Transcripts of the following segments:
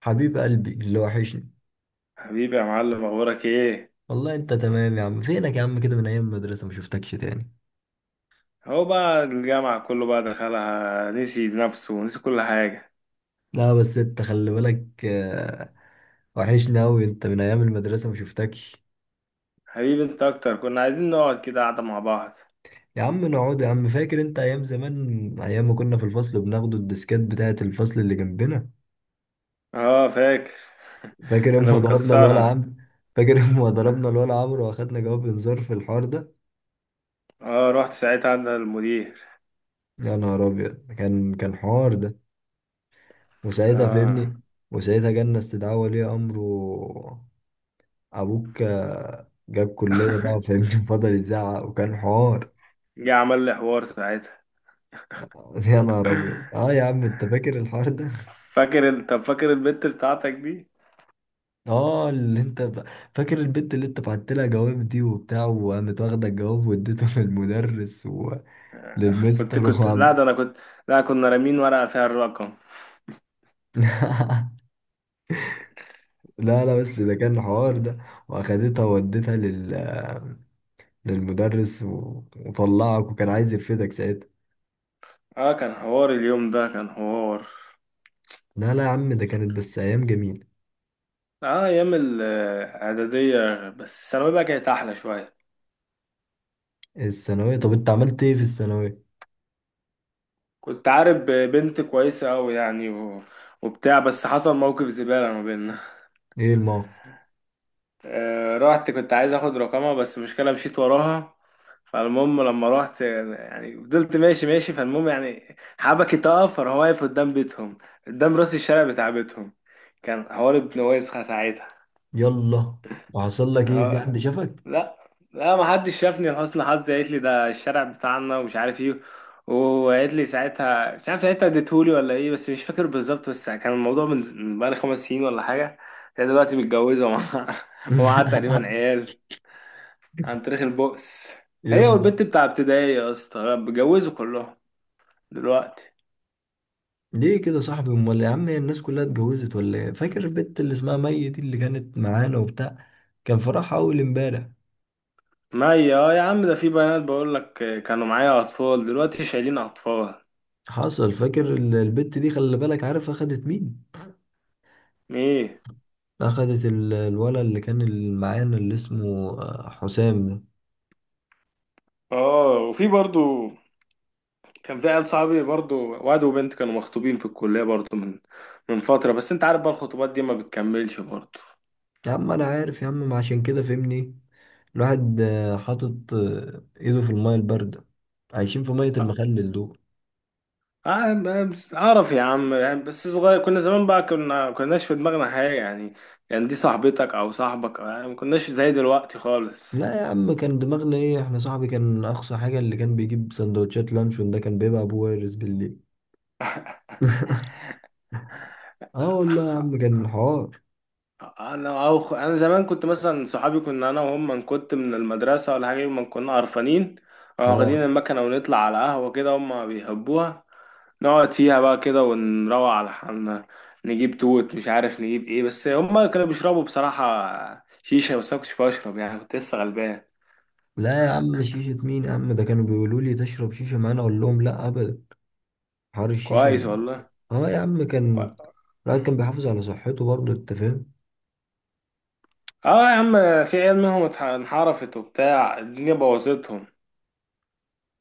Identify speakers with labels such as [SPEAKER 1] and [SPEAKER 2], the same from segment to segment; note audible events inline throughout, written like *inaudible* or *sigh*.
[SPEAKER 1] حبيب قلبي اللي وحشني.
[SPEAKER 2] حبيبي يا معلم، اخبارك ايه؟
[SPEAKER 1] والله انت تمام يا عم، فينك يا عم كده؟ من ايام المدرسة ما شفتكش تاني.
[SPEAKER 2] هو بقى الجامعة كله بقى دخلها، نسي نفسه ونسي كل حاجة.
[SPEAKER 1] لا بس انت خلي بالك. وحشني اوي انت، من ايام المدرسة ما شفتكش.
[SPEAKER 2] حبيبي انت اكتر، كنا عايزين نقعد كده قعدة مع بعض.
[SPEAKER 1] يا عم نقعد يا عم، فاكر انت ايام زمان، ايام ما كنا في الفصل بناخد الديسكات بتاعة الفصل اللي جنبنا؟
[SPEAKER 2] اه فاكر.
[SPEAKER 1] فاكر
[SPEAKER 2] انا
[SPEAKER 1] اما ضربنا الولا
[SPEAKER 2] بنكسرها.
[SPEAKER 1] عمرو؟ فاكر اما ضربنا الولا عمرو واخدنا جواب انذار في الحوار ده؟
[SPEAKER 2] اه رحت ساعتها عند المدير.
[SPEAKER 1] يا نهار ابيض، كان حوار ده. وساعتها
[SPEAKER 2] اه
[SPEAKER 1] فهمني. وساعتها جالنا استدعاء ولي امره. ابوك جاب كلية بقى
[SPEAKER 2] *laughs*
[SPEAKER 1] فاهمني. *laughs* فضل يزعق وكان حوار.
[SPEAKER 2] جه عمل لي حوار ساعتها.
[SPEAKER 1] يا نهار ابيض، اه يا عم انت فاكر الحوار ده؟ *laughs*
[SPEAKER 2] فاكر طب فاكر البت بتاعتك دي؟
[SPEAKER 1] اه اللي انت فاكر البنت اللي انت بعت لها جواب دي وبتاع، وقامت واخده الجواب واديته *laughs* للمدرس
[SPEAKER 2] كنت
[SPEAKER 1] وللمستر
[SPEAKER 2] كنت
[SPEAKER 1] وعم.
[SPEAKER 2] لا ده انا كنت، لا كنا رامين ورقة فيها الرقم.
[SPEAKER 1] *laughs* لا لا، بس ده كان حوار ده. واخدتها ووديتها للمدرس وطلعك، وكان عايز يرفدك ساعتها.
[SPEAKER 2] اه كان حوار اليوم ده، كان حوار.
[SPEAKER 1] لا لا يا عم، ده كانت بس ايام جميله.
[SPEAKER 2] اه، ايام الاعدادية، بس الثانوية بقى كانت احلى شوية.
[SPEAKER 1] الثانويه، طب انت عملت ايه في الثانويه؟
[SPEAKER 2] كنت عارف بنت كويسة أوي يعني وبتاع، بس حصل موقف زبالة ما بيننا.
[SPEAKER 1] ايه الموقف؟
[SPEAKER 2] رحت، كنت عايز اخد رقمها، بس مشكلة مشيت وراها. فالمهم لما رحت يعني فضلت ماشي ماشي، فالمهم يعني حبكي تقف، فراح واقف قدام بيتهم، قدام راس الشارع بتاع بيتهم. كان حوار ابن ويسخة ساعتها.
[SPEAKER 1] يلا. وحصل لك ايه؟ في
[SPEAKER 2] آه.
[SPEAKER 1] حد شافك؟
[SPEAKER 2] لا. لا ما حدش شافني لحسن حظي، قالت لي ده الشارع بتاعنا ومش عارف ايه. وقالت لي ساعتها مش عارف، ساعتها اديتهولي ولا ايه، بس مش فاكر بالظبط، بس كان الموضوع من بقالي خمس سنين ولا حاجة. هي دلوقتي متجوزة، *laughs* ومعاها تقريبا
[SPEAKER 1] *laughs*
[SPEAKER 2] عيال، عن طريق البؤس. هي
[SPEAKER 1] يلا.
[SPEAKER 2] والبنت بتاع ابتدائي يا اسطى بيتجوزوا كلهم دلوقتي.
[SPEAKER 1] ليه كده يا صاحبي؟ امال يا عم، هي الناس كلها اتجوزت ولا ايه؟ فاكر البت اللي اسمها مي دي اللي كانت معانا وبتاع؟ كان فرحها اول امبارح.
[SPEAKER 2] ما هي يا عم، ده في بنات بقول لك كانوا معايا اطفال، دلوقتي شايلين اطفال.
[SPEAKER 1] حصل. فاكر البت دي؟ خلي بالك، عارف اخدت مين؟
[SPEAKER 2] ايه؟
[SPEAKER 1] اخدت الولد اللي كان معانا اللي اسمه حسام ده.
[SPEAKER 2] اه، وفي برضو كان في عيال صحابي برضو، واد وبنت كانوا مخطوبين في الكلية برضو من فترة، بس انت عارف بقى الخطوبات دي ما بتكملش برضو.
[SPEAKER 1] يا عم انا عارف يا عم، ما عشان كده فهمني. الواحد حاطط ايده في الميه البارده، عايشين في ميه
[SPEAKER 2] اه.
[SPEAKER 1] المخلل دول.
[SPEAKER 2] اه، اعرف يا عم، يعني بس صغير، كنا زمان بقى كنا كناش في دماغنا حاجة يعني، يعني دي صاحبتك او صاحبك يعني، ما كناش زي دلوقتي خالص.
[SPEAKER 1] لا يا عم، كان دماغنا ايه؟ احنا صاحبي كان اقصى حاجة اللي كان بيجيب سندوتشات لانشون، ده كان بيبقى ابو وارز بالليل. اه والله يا عم كان حوار.
[SPEAKER 2] انا زمان كنت مثلا صحابي، كنا انا وهم، من كنت من المدرسة ولا حاجة، يوم ما كنا قرفانين واخدين
[SPEAKER 1] اه.
[SPEAKER 2] المكنة ونطلع على قهوة كده، هم بيحبوها، نقعد فيها بقى كده ونروق على حالنا. نجيب توت، مش عارف نجيب ايه، بس هما كانوا بيشربوا بصراحة شيشة، بس انا كنتش بشرب يعني، كنت لسه غلبان.
[SPEAKER 1] لا يا عم، شيشة مين يا عم؟ ده كانوا بيقولوا لي تشرب شيشة معانا، اقول لهم لا ابدا. حوار الشيشة
[SPEAKER 2] كويس
[SPEAKER 1] ده.
[SPEAKER 2] والله.
[SPEAKER 1] اه يا عم، كان
[SPEAKER 2] و-
[SPEAKER 1] الواحد كان بيحافظ على صحته برضه، انت فاهم.
[SPEAKER 2] اه يا عم، في عيال منهم انحرفت وبتاع، الدنيا بوظتهم.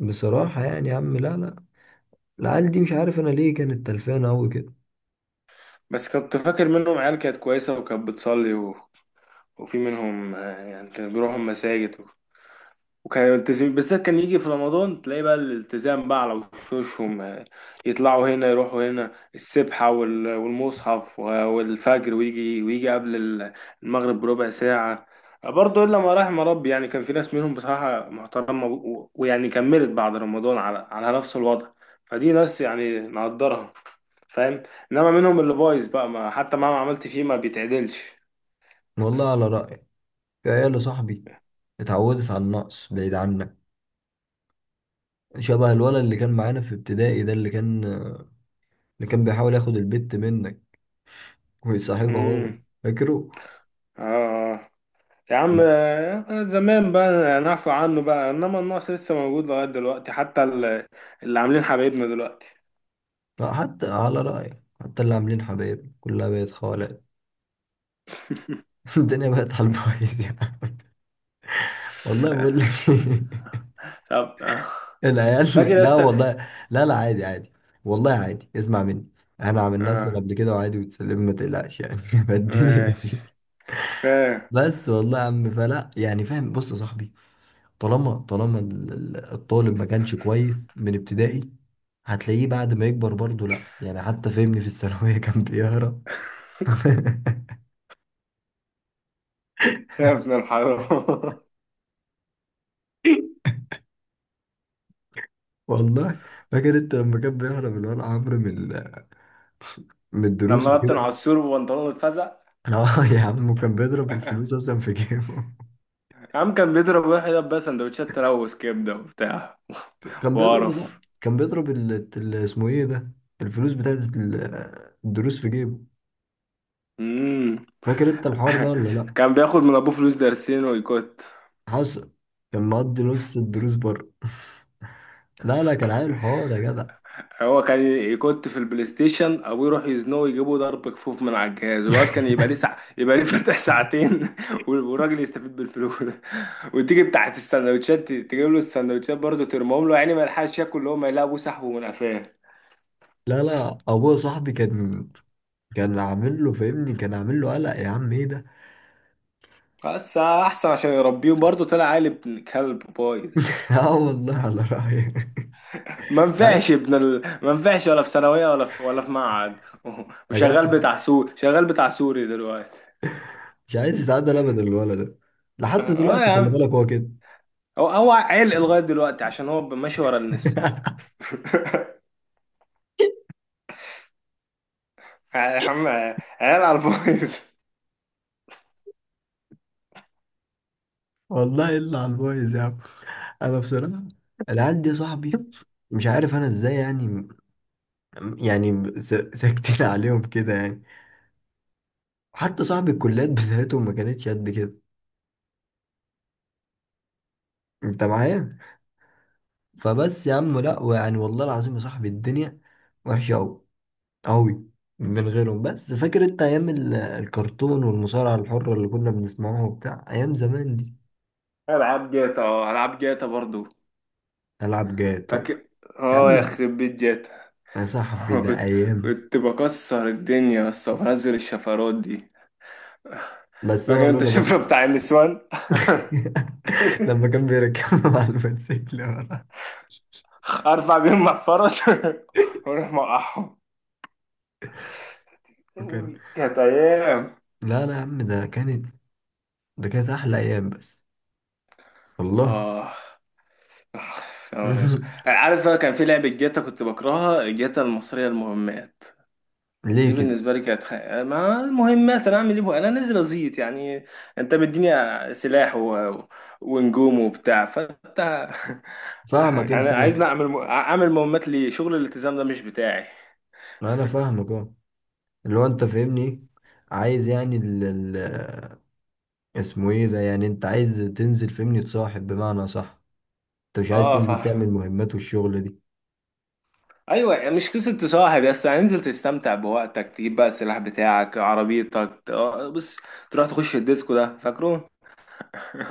[SPEAKER 1] بصراحة يعني يا عم، لا لا، العيال دي مش عارف انا ليه كانت تلفانة اوي كده.
[SPEAKER 2] بس كنت فاكر منهم عيال كانت كويسة، وكانت بتصلي، وفي منهم يعني كانوا بيروحوا المساجد، وكان يلتزم بالذات، كان يجي في رمضان تلاقي بقى الالتزام بقى على وشوشهم، يطلعوا هنا، يروحوا هنا، السبحة والمصحف والفجر، ويجي قبل المغرب بربع ساعة. برضه إلا ما رحم ربي، يعني كان في ناس منهم بصراحة محترمة، ويعني كملت بعد رمضان على نفس الوضع، فدي ناس يعني نقدرها، فاهم. إنما منهم اللي بايظ بقى، ما حتى مهما عملت فيه ما بيتعدلش.
[SPEAKER 1] والله على رأيي، في عيال صاحبي اتعودت على النقص بعيد عنك، شبه الولد اللي كان معانا في ابتدائي ده، اللي كان بيحاول ياخد البت منك ويصاحبها هو.
[SPEAKER 2] امم.
[SPEAKER 1] فاكره؟
[SPEAKER 2] اه. آه. يا عم،
[SPEAKER 1] لا.
[SPEAKER 2] زمان بقى نعفو عنه بقى، انما النقص لسه موجود لغاية دلوقتي، حتى اللي عاملين حبايبنا دلوقتي.
[SPEAKER 1] طب حتى على رأيك، حتى اللي عاملين حبايب كلها بقت خالق. *laughs* الدنيا بقت على البايظ يعني. والله بقول لك.
[SPEAKER 2] *laughs* طب.
[SPEAKER 1] *laughs*
[SPEAKER 2] فاكر
[SPEAKER 1] العيال،
[SPEAKER 2] يا
[SPEAKER 1] لا
[SPEAKER 2] اسطى؟
[SPEAKER 1] والله، لا لا، عادي عادي. والله عادي، اسمع مني، احنا عملناه اصلا
[SPEAKER 2] اه
[SPEAKER 1] قبل كده وعادي وتسلم، ما تقلقش يعني. *laughs* فالدنيا
[SPEAKER 2] ماشي،
[SPEAKER 1] جميلة.
[SPEAKER 2] فاهم.
[SPEAKER 1] بس والله يا عم فلا يعني، فاهم؟ بص يا صاحبي، طالما الطالب ما كانش كويس من ابتدائي، هتلاقيه بعد ما يكبر برضه لا يعني. حتى فهمني في الثانوية كان بيهرب. *laughs*
[SPEAKER 2] يا ابن الحرام! *laughs*
[SPEAKER 1] والله. فاكر انت لما كان بيهرب الولد عمرو من من الدروس
[SPEAKER 2] لما بطن
[SPEAKER 1] وكده؟ *laughs*
[SPEAKER 2] عصور وبنطلون اتفزع.
[SPEAKER 1] اه يا عم، وكان بيضرب الفلوس
[SPEAKER 2] *laughs*
[SPEAKER 1] اصلا في جيبه.
[SPEAKER 2] عم كان بيضرب واحد، بس سندوتشات تلوث كبده وبتاع،
[SPEAKER 1] *laughs* كان بيضرب صح.
[SPEAKER 2] وقرف.
[SPEAKER 1] كان بيضرب اسمه ايه ده، الفلوس بتاعت الدروس في جيبه.
[SPEAKER 2] مم.
[SPEAKER 1] فاكر انت الحوار ده ولا
[SPEAKER 2] *laughs*
[SPEAKER 1] لا؟
[SPEAKER 2] كان بياخد من ابوه فلوس درسين ويكت.
[SPEAKER 1] حصل. كان مقضي نص الدروس بره. *laughs* لا لا، كان عامل حوار يا جدع.
[SPEAKER 2] هو كان كنت في البلاي ستيشن، ابوي يروح يزنقه، يجيبه ضرب كفوف من على الجهاز، والواد
[SPEAKER 1] *laughs*
[SPEAKER 2] كان يبقى ليه ساعة، يبقى ليه فاتح ساعتين، *laughs* والراجل يستفيد بالفلوس. *laughs* وتيجي بتاعت السندوتشات تجيب له السندوتشات برضه، ترمهم له يعني ما يلحقش ياكل، اللي هو ما يلاقي ابوه سحبه من قفاه.
[SPEAKER 1] لا لا، ابويا صاحبي كان عامل له فاهمني، كان عامل له قلق يا عم ايه ده.
[SPEAKER 2] بس احسن عشان يربيه، برضه طلع عيل ابن كلب بايظ.
[SPEAKER 1] *laughs* اه والله على رأيي. *laughs* مش عايز
[SPEAKER 2] ما نفعش ولا في ثانوية، ولا في معهد. *laughs*
[SPEAKER 1] يا جدع،
[SPEAKER 2] وشغال بتاع سوري دلوقتي.
[SPEAKER 1] مش عايز يتعدل ابدا الولد ده لحد
[SPEAKER 2] اه
[SPEAKER 1] دلوقتي،
[SPEAKER 2] يا
[SPEAKER 1] خلي
[SPEAKER 2] عم،
[SPEAKER 1] بالك هو كده.
[SPEAKER 2] هو عيل لغايه دلوقتي، عشان هو ماشي ورا النسر.
[SPEAKER 1] *laughs*
[SPEAKER 2] *laughs* يا عم عيال على الفويس. *laughs*
[SPEAKER 1] والله الا على البايظ يا عم. انا بصراحه العيال دي يا صاحبي، مش عارف انا ازاي يعني، يعني ساكتين *laughs* عليهم كده يعني. حتى صاحبي الكليات بتاعتهم ما كانتش قد كده، انت معايا؟ فبس يا عم لا، ويعني والله العظيم يا صاحبي الدنيا وحشه قوي قوي من غيرهم. بس فاكر انت ايام الكرتون والمصارعة الحرة اللي كنا بنسمعوها وبتاع ايام زمان دي؟
[SPEAKER 2] العاب جاتا، العاب جاتا برضو.
[SPEAKER 1] العب جاتو.
[SPEAKER 2] فاكر؟
[SPEAKER 1] يا
[SPEAKER 2] اه،
[SPEAKER 1] عم
[SPEAKER 2] يا
[SPEAKER 1] ده،
[SPEAKER 2] خرب بيت جاتا!
[SPEAKER 1] يا
[SPEAKER 2] *laughs*
[SPEAKER 1] صاحبي
[SPEAKER 2] أنا
[SPEAKER 1] ده
[SPEAKER 2] كنت
[SPEAKER 1] ايام.
[SPEAKER 2] كنت بكسر الدنيا بس، وبنزل الشفرات دي. *laughs*
[SPEAKER 1] بس هو
[SPEAKER 2] فاكر انت
[SPEAKER 1] لولا
[SPEAKER 2] الشفرة
[SPEAKER 1] بس.
[SPEAKER 2] بتاع النسوان؟
[SPEAKER 1] *laughs* لما كان
[SPEAKER 2] *laughs*
[SPEAKER 1] بيركب على *laughs* الموتوسيكل ورا.
[SPEAKER 2] ارفع بيهم مع الفرس، *laughs* واروح موقعهم.
[SPEAKER 1] وكان.
[SPEAKER 2] كانت ايام.
[SPEAKER 1] لا لا يا عم، ده كانت احلى ايام بس. والله.
[SPEAKER 2] اه. يا نهار أسود.
[SPEAKER 1] *laughs*
[SPEAKER 2] عارف بقى، كان في لعبة جاتا كنت بكرهها، جاتا المصرية، المهمات دي
[SPEAKER 1] ليه كده؟
[SPEAKER 2] بالنسبة لي كانت. ما مهمات، انا اعمل ايه؟ انا نازل ازيط يعني. انت مديني سلاح ونجوم وبتاع، فانت *laughs*
[SPEAKER 1] فاهمك
[SPEAKER 2] يعني
[SPEAKER 1] انت، ما
[SPEAKER 2] عايزني اعمل اعمل مهمات؟ ليه، شغل الالتزام ده مش بتاعي.
[SPEAKER 1] ما انا فاهمك اه. اللي هو انت فاهمني إيه؟ عايز يعني اسمه ايه ده يعني، انت عايز تنزل فهمني تصاحب بمعنى صح، انت مش عايز
[SPEAKER 2] اه
[SPEAKER 1] تنزل
[SPEAKER 2] فاهم.
[SPEAKER 1] تعمل مهمات والشغل دي.
[SPEAKER 2] ايوه يعني مش قصه تصاحب يا اسطى، انزل تستمتع بوقتك، تجيب بقى السلاح بتاعك، عربيتك، بص، تروح تخش الديسكو ده، فاكره؟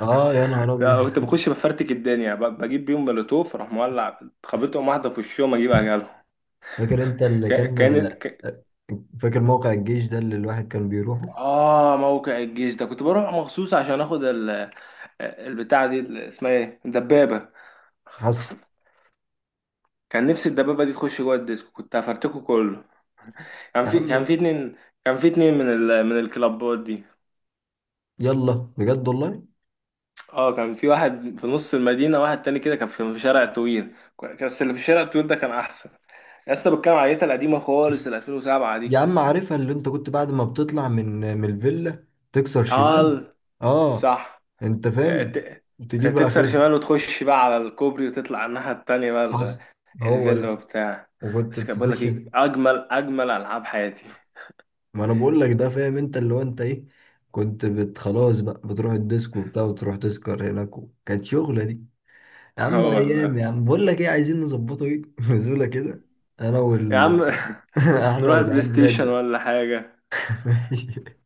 [SPEAKER 1] اه يا نهار ابيض.
[SPEAKER 2] لا كنت بخش بفرتك الدنيا، بجيب بيهم مولوتوف، اروح مولع، خبطهم واحده في وشهم، اجيب اجلهم.
[SPEAKER 1] فاكر انت اللي
[SPEAKER 2] كا- كان ك...
[SPEAKER 1] فاكر موقع الجيش ده اللي الواحد كان بيروحه؟
[SPEAKER 2] اه موقع الجيش ده، كنت بروح مخصوص عشان اخد البتاعه دي، اسمها ايه، الدبابه.
[SPEAKER 1] حصل.
[SPEAKER 2] كان نفسي الدبابه دي تخش جوه الديسكو، كنت هفرتكه كله.
[SPEAKER 1] يا
[SPEAKER 2] كان
[SPEAKER 1] عم.
[SPEAKER 2] في اتنين، كان في اتنين من من الكلابات دي.
[SPEAKER 1] يلا. بجد والله.
[SPEAKER 2] اه كان في واحد في نص المدينه، واحد تاني كده كان في شارع طويل، بس اللي في الشارع الطويل ده كان احسن. يا اسطى، بتكلم على العيله القديمه خالص، ال 2007
[SPEAKER 1] يا
[SPEAKER 2] دي.
[SPEAKER 1] عم عارفها، اللي انت كنت بعد ما بتطلع من الفيلا تكسر شمال؟
[SPEAKER 2] اه
[SPEAKER 1] اه.
[SPEAKER 2] صح.
[SPEAKER 1] انت فاهم،
[SPEAKER 2] ت...
[SPEAKER 1] تجيب
[SPEAKER 2] تكسر
[SPEAKER 1] اخرها.
[SPEAKER 2] شمال، وتخش بقى على الكوبري، وتطلع على الناحيه التانيه بقى،
[SPEAKER 1] حصل. هو
[SPEAKER 2] الفيلا
[SPEAKER 1] ده.
[SPEAKER 2] وبتاع.
[SPEAKER 1] وكنت
[SPEAKER 2] بس كان بقول لك
[SPEAKER 1] تخش.
[SPEAKER 2] ايه، اجمل اجمل العاب حياتي.
[SPEAKER 1] ما انا بقول لك ده، فاهم انت اللي هو انت ايه، كنت بت خلاص بقى بتروح الديسكو وبتاع وتروح تسكر هناك، كانت شغلة دي.
[SPEAKER 2] *laughs*
[SPEAKER 1] يا
[SPEAKER 2] اه
[SPEAKER 1] عم ايام
[SPEAKER 2] والله
[SPEAKER 1] يا عم، بقول لك ايه عايزين نظبطه ايه، *laughs* نزولة كده. انا
[SPEAKER 2] يا
[SPEAKER 1] وال.
[SPEAKER 2] عم.
[SPEAKER 1] *laughs*
[SPEAKER 2] *laughs*
[SPEAKER 1] احنا
[SPEAKER 2] نروح البلاي
[SPEAKER 1] والعيال
[SPEAKER 2] ستيشن
[SPEAKER 1] بتاعت.
[SPEAKER 2] ولا حاجه؟
[SPEAKER 1] *laughs* ماشي.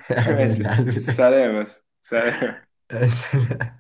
[SPEAKER 2] *laughs*
[SPEAKER 1] احنا
[SPEAKER 2] ماشي،
[SPEAKER 1] والعيال
[SPEAKER 2] سلام، بس سلام.
[SPEAKER 1] بتاعت. *laughs*